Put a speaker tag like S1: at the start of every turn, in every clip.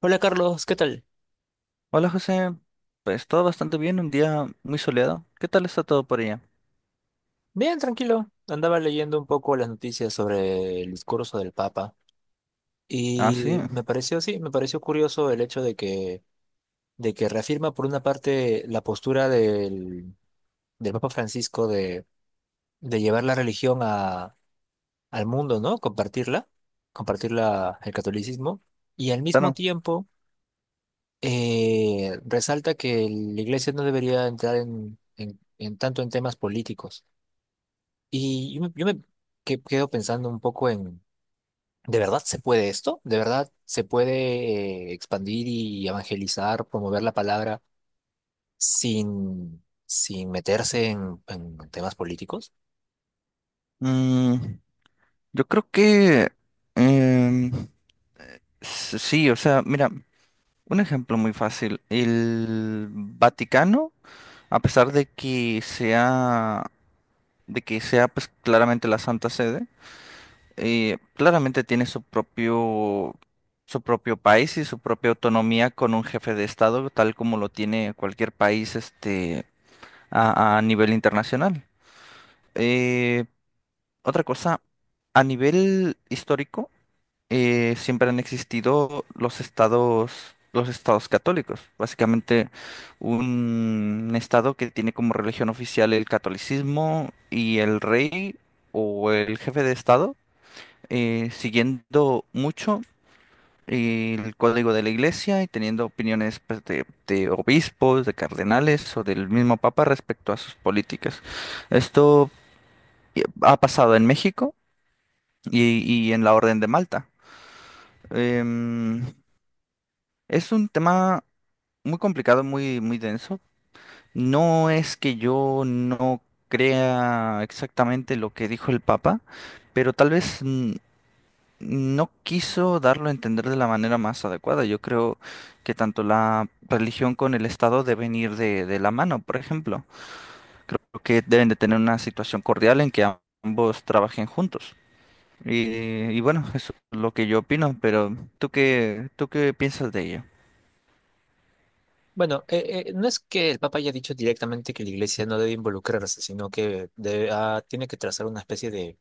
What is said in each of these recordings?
S1: Hola Carlos, ¿qué tal?
S2: Hola José, pues todo bastante bien, un día muy soleado. ¿Qué tal está todo por allá?
S1: Bien, tranquilo. Andaba leyendo un poco las noticias sobre el discurso del Papa
S2: Ah, sí,
S1: y me pareció, sí, me pareció curioso el hecho de que reafirma por una parte la postura del Papa Francisco de llevar la religión a, al mundo, ¿no? Compartirla, compartirla el catolicismo y al mismo
S2: claro.
S1: tiempo resalta que la Iglesia no debería entrar en tanto en temas políticos. Y yo me, yo me quedo pensando un poco en, ¿de verdad se puede esto? ¿De verdad se puede expandir y evangelizar, promover la palabra sin meterse en temas políticos?
S2: Mm, yo creo que em, sí. O sea, mira, un ejemplo muy fácil. El Vaticano, a pesar de que sea, pues claramente la Santa Sede, claramente tiene su propio país y su propia autonomía con un jefe de Estado, tal como lo tiene cualquier país, este a nivel internacional. Eh, Otra cosa, a nivel histórico, siempre han existido los estados católicos. Básicamente, un estado que tiene como religión oficial el catolicismo y el rey o el jefe de estado, siguiendo mucho el código de la iglesia y teniendo opiniones pues, de obispos, de cardenales o del mismo papa respecto a sus políticas. Esto ha pasado en México y en la Orden de Malta. Em, es un tema muy complicado, muy, muy denso. No es que yo no crea exactamente lo que dijo el Papa, pero tal vez no quiso darlo a entender de la manera más adecuada. Yo creo que tanto la religión con el Estado deben ir de la mano, por ejemplo. Creo que deben de tener una situación cordial en que ambos trabajen juntos. Y bueno, eso es lo que yo opino, pero tú qué piensas de ello?
S1: Bueno, no es que el Papa haya dicho directamente que la Iglesia no debe involucrarse, sino que tiene que trazar una especie de,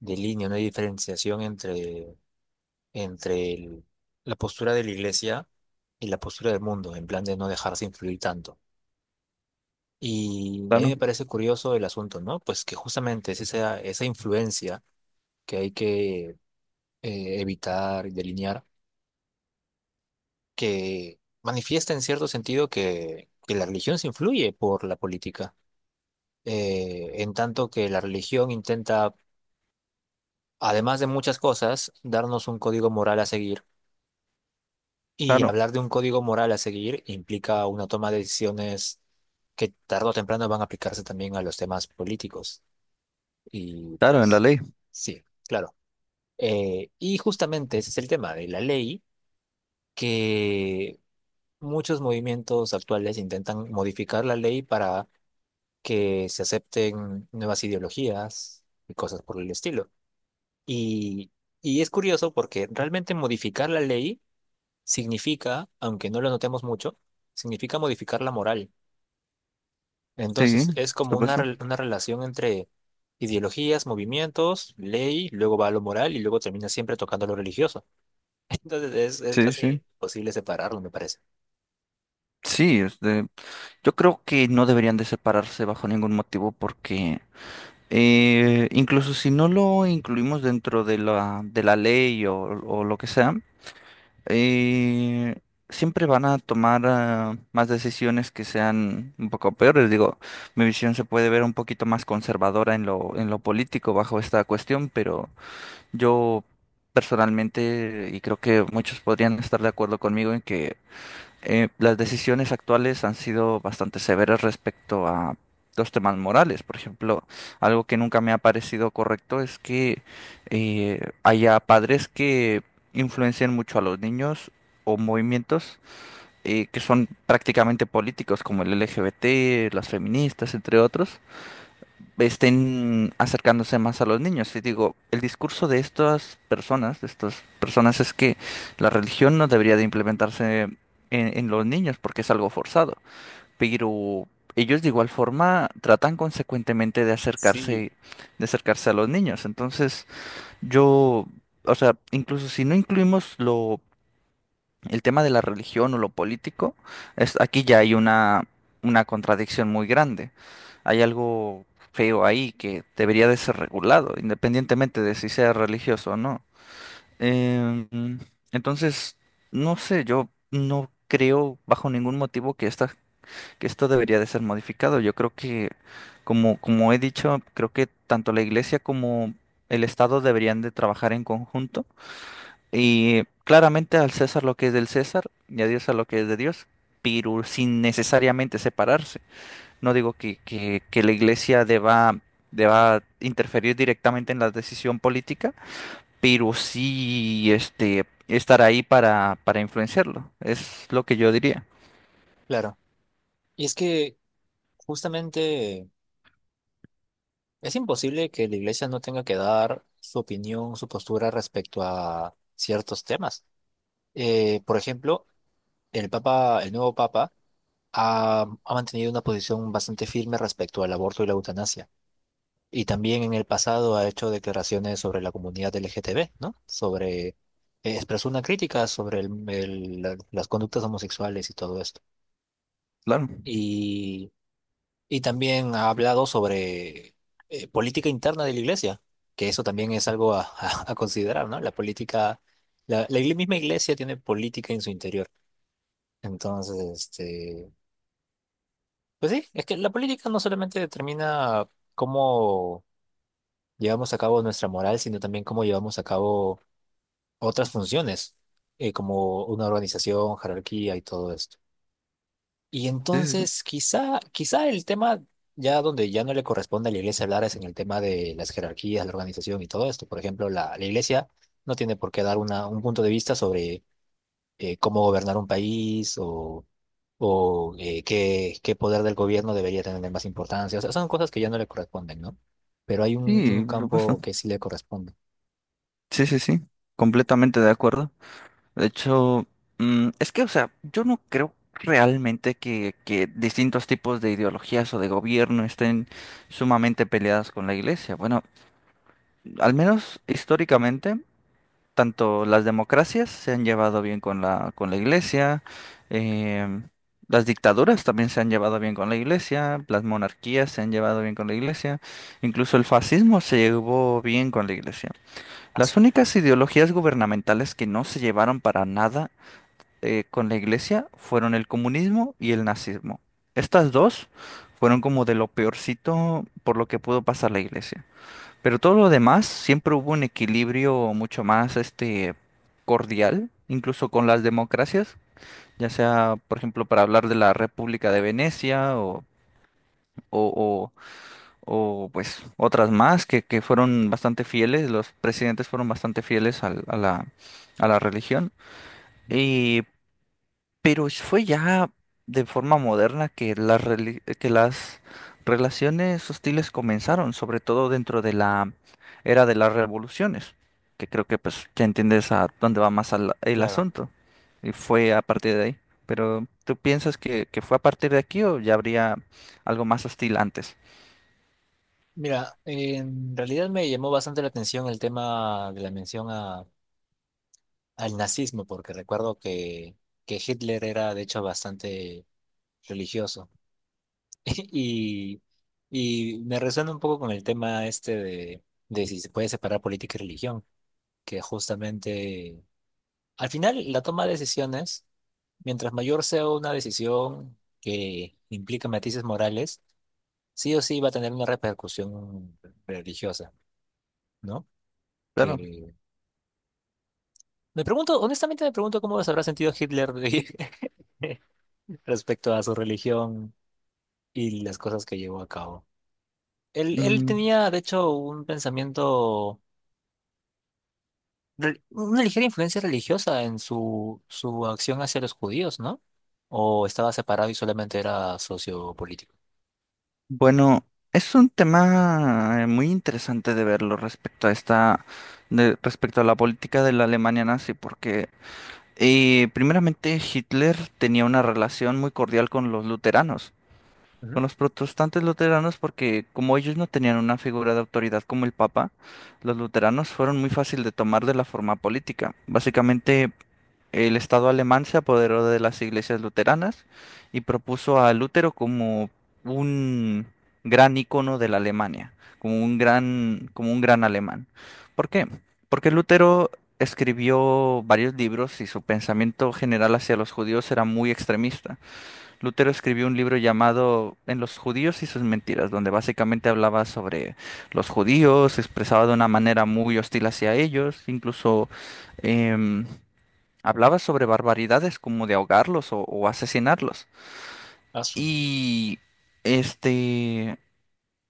S1: de línea, una diferenciación entre la postura de la Iglesia y la postura del mundo, en plan de no dejarse influir tanto. Y a mí
S2: Claro,
S1: me parece curioso el asunto, ¿no? Pues que justamente es esa influencia que hay que evitar y delinear, que manifiesta en cierto sentido que la religión se influye por la política. En tanto que la religión intenta, además de muchas cosas, darnos un código moral a seguir. Y
S2: claro,
S1: hablar de un código moral a seguir implica una toma de decisiones que tarde o temprano van a aplicarse también a los temas políticos. Y
S2: claro, en la
S1: pues,
S2: ley.
S1: sí, claro. Y justamente ese es el tema de la ley, que muchos movimientos actuales intentan modificar la ley para que se acepten nuevas ideologías y cosas por el estilo. Y, y es curioso porque realmente modificar la ley significa, aunque no lo notemos mucho, significa modificar la moral.
S2: Sí,
S1: Entonces
S2: por
S1: es como una,
S2: supuesto.
S1: rel- una relación entre ideologías, movimientos, ley, luego va a lo moral y luego termina siempre tocando lo religioso. Entonces es
S2: Sí, sí.
S1: casi imposible separarlo, me parece.
S2: Sí, este, yo creo que no deberían de separarse bajo ningún motivo porque incluso si no lo incluimos dentro de la ley o lo que sea, eh, siempre van a tomar más decisiones que sean un poco peores. Digo, mi visión se puede ver un poquito más conservadora en lo político bajo esta cuestión, pero yo personalmente, y creo que muchos podrían estar de acuerdo conmigo en que las decisiones actuales han sido bastante severas respecto a los temas morales. Por ejemplo, algo que nunca me ha parecido correcto es que haya padres que influencien mucho a los niños o movimientos que son prácticamente políticos, como el LGBT, las feministas, entre otros estén acercándose más a los niños. Y digo, el discurso de estas personas, es que la religión no debería de implementarse en los niños porque es algo forzado. Pero ellos de igual forma tratan consecuentemente
S1: Sí,
S2: de acercarse a los niños. Entonces, yo, o sea, incluso si no incluimos lo el tema de la religión o lo político, es, aquí ya hay una contradicción muy grande. Hay algo feo ahí que debería de ser regulado, independientemente de si sea religioso o no. Em, entonces, no sé, yo no creo bajo ningún motivo que esta, que esto debería de ser modificado. Yo creo que, como, como he dicho, creo que tanto la iglesia como el Estado deberían de trabajar en conjunto y claramente al César lo que es del César y a Dios a lo que es de Dios, pero sin necesariamente separarse. No digo que, que la iglesia deba, deba interferir directamente en la decisión política, pero sí este, estar ahí para influenciarlo. Es lo que yo diría.
S1: claro. Y es que justamente es imposible que la iglesia no tenga que dar su opinión, su postura respecto a ciertos temas. Por ejemplo, el papa, el nuevo papa ha mantenido una posición bastante firme respecto al aborto y la eutanasia. Y también en el pasado ha hecho declaraciones sobre la comunidad LGTB, ¿no? Sobre, expresó una crítica sobre las conductas homosexuales y todo eso.
S2: Claro.
S1: Y, y también ha hablado sobre política interna de la iglesia, que eso también es algo a, a- considerar, ¿no? La política, la misma iglesia tiene política en su interior. Entonces, este, pues sí, es que la política no solamente determina cómo llevamos a cabo nuestra moral, sino también cómo llevamos a cabo otras funciones, como una organización, jerarquía y todo esto. Y
S2: Sí, sí, sí.
S1: entonces quizá el tema ya donde ya no le corresponde a la iglesia hablar es en el tema de las jerarquías, la organización y todo esto. Por ejemplo, la iglesia no tiene por qué dar un punto de vista sobre cómo gobernar un país o qué poder del gobierno debería tener más importancia. O sea, son cosas que ya no le corresponden, ¿no? Pero hay un
S2: Sí, por supuesto.
S1: campo que sí le corresponde.
S2: Sí, sí, sí. Completamente de acuerdo. De hecho, es que, o sea, yo no creo realmente que distintos tipos de ideologías o de gobierno estén sumamente peleadas con la iglesia. Bueno, al menos históricamente, tanto las democracias se han llevado bien con la iglesia, eh, las dictaduras también se han llevado bien con la iglesia, las monarquías se han llevado bien con la iglesia, incluso el fascismo se llevó bien con la iglesia.
S1: Ah,
S2: Las
S1: su-
S2: únicas ideologías gubernamentales que no se llevaron para nada con la iglesia fueron el comunismo y el nazismo. Estas dos fueron como de lo peorcito por lo que pudo pasar la iglesia. Pero todo lo demás siempre hubo un equilibrio mucho más este cordial, incluso con las democracias, ya sea, por ejemplo, para hablar de la República de Venecia o, o, o, pues otras más que fueron bastante fieles, los presidentes fueron bastante fieles a la religión. y Pero fue ya de forma moderna que las, que las relaciones hostiles comenzaron, sobre todo dentro de la era de las revoluciones, que creo que pues ya entiendes a dónde va más el
S1: claro.
S2: asunto. Y fue a partir de ahí. Pero ¿tú piensas que fue a partir de aquí o ya habría algo más hostil antes?
S1: Mira, en realidad me llamó bastante la atención el tema de la mención a al nazismo, porque recuerdo que Hitler era de hecho bastante religioso. Y, y me resuena un poco con el tema este de si se puede separar política y religión, que justamente al final la toma de decisiones, mientras mayor sea una decisión que implica matices morales, sí o sí va a tener una repercusión religiosa, ¿no?
S2: Claro.
S1: Que me pregunto, honestamente me pregunto cómo se habrá sentido Hitler de- respecto a su religión y las cosas que llevó a cabo. Él
S2: Mm,
S1: tenía, de hecho, un pensamiento, re- una ligera influencia religiosa en su, su acción hacia los judíos, ¿no? O estaba separado y solamente era socio político.
S2: bueno, es un tema muy interesante de verlo respecto a esta, respecto a la política de la Alemania nazi, porque primeramente, Hitler tenía una relación muy cordial con los luteranos,
S1: Ujú.
S2: con los protestantes luteranos, porque como ellos no tenían una figura de autoridad como el Papa, los luteranos fueron muy fácil de tomar de la forma política. Básicamente, el Estado alemán se apoderó de las iglesias luteranas y propuso a Lutero como un gran ícono de la Alemania, como un gran alemán. ¿Por qué? Porque Lutero escribió varios libros y su pensamiento general hacia los judíos era muy extremista. Lutero escribió un libro llamado En los judíos y sus mentiras, donde básicamente hablaba sobre los judíos, se expresaba de una manera muy hostil hacia ellos, incluso em, hablaba sobre barbaridades como de ahogarlos o asesinarlos.
S1: Ah, su-
S2: Y este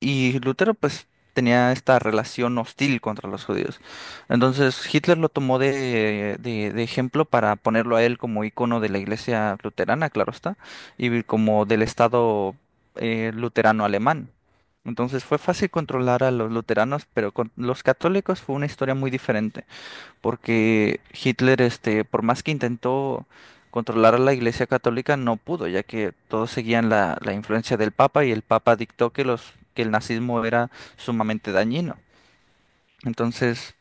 S2: y Lutero pues tenía esta relación hostil contra los judíos. Entonces Hitler lo tomó de ejemplo para ponerlo a él como icono de la iglesia luterana, claro está, y como del estado luterano alemán. Entonces fue fácil controlar a los luteranos, pero con los católicos fue una historia muy diferente porque Hitler, este, por más que intentó controlar a la Iglesia Católica, no pudo, ya que todos seguían la, la influencia del Papa y el Papa dictó que los, que el nazismo era sumamente dañino. Entonces,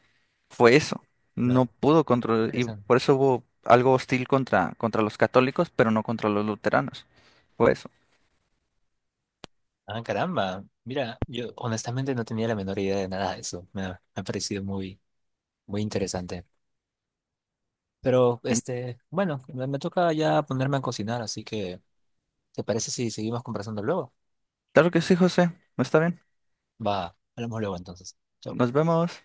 S2: fue eso.
S1: claro.
S2: No pudo controlar, y
S1: Interesante.
S2: por eso hubo algo hostil contra, contra los católicos, pero no contra los luteranos. Fue eso.
S1: Ah, caramba. Mira, yo honestamente no tenía la menor idea de nada de eso. Me ha parecido muy, muy interesante. Pero,
S2: Y
S1: este, bueno, me toca ya ponerme a cocinar, así que, ¿te parece si seguimos conversando luego?
S2: claro que sí, José. Está bien.
S1: Va, hablamos luego entonces. Chau.
S2: Nos vemos.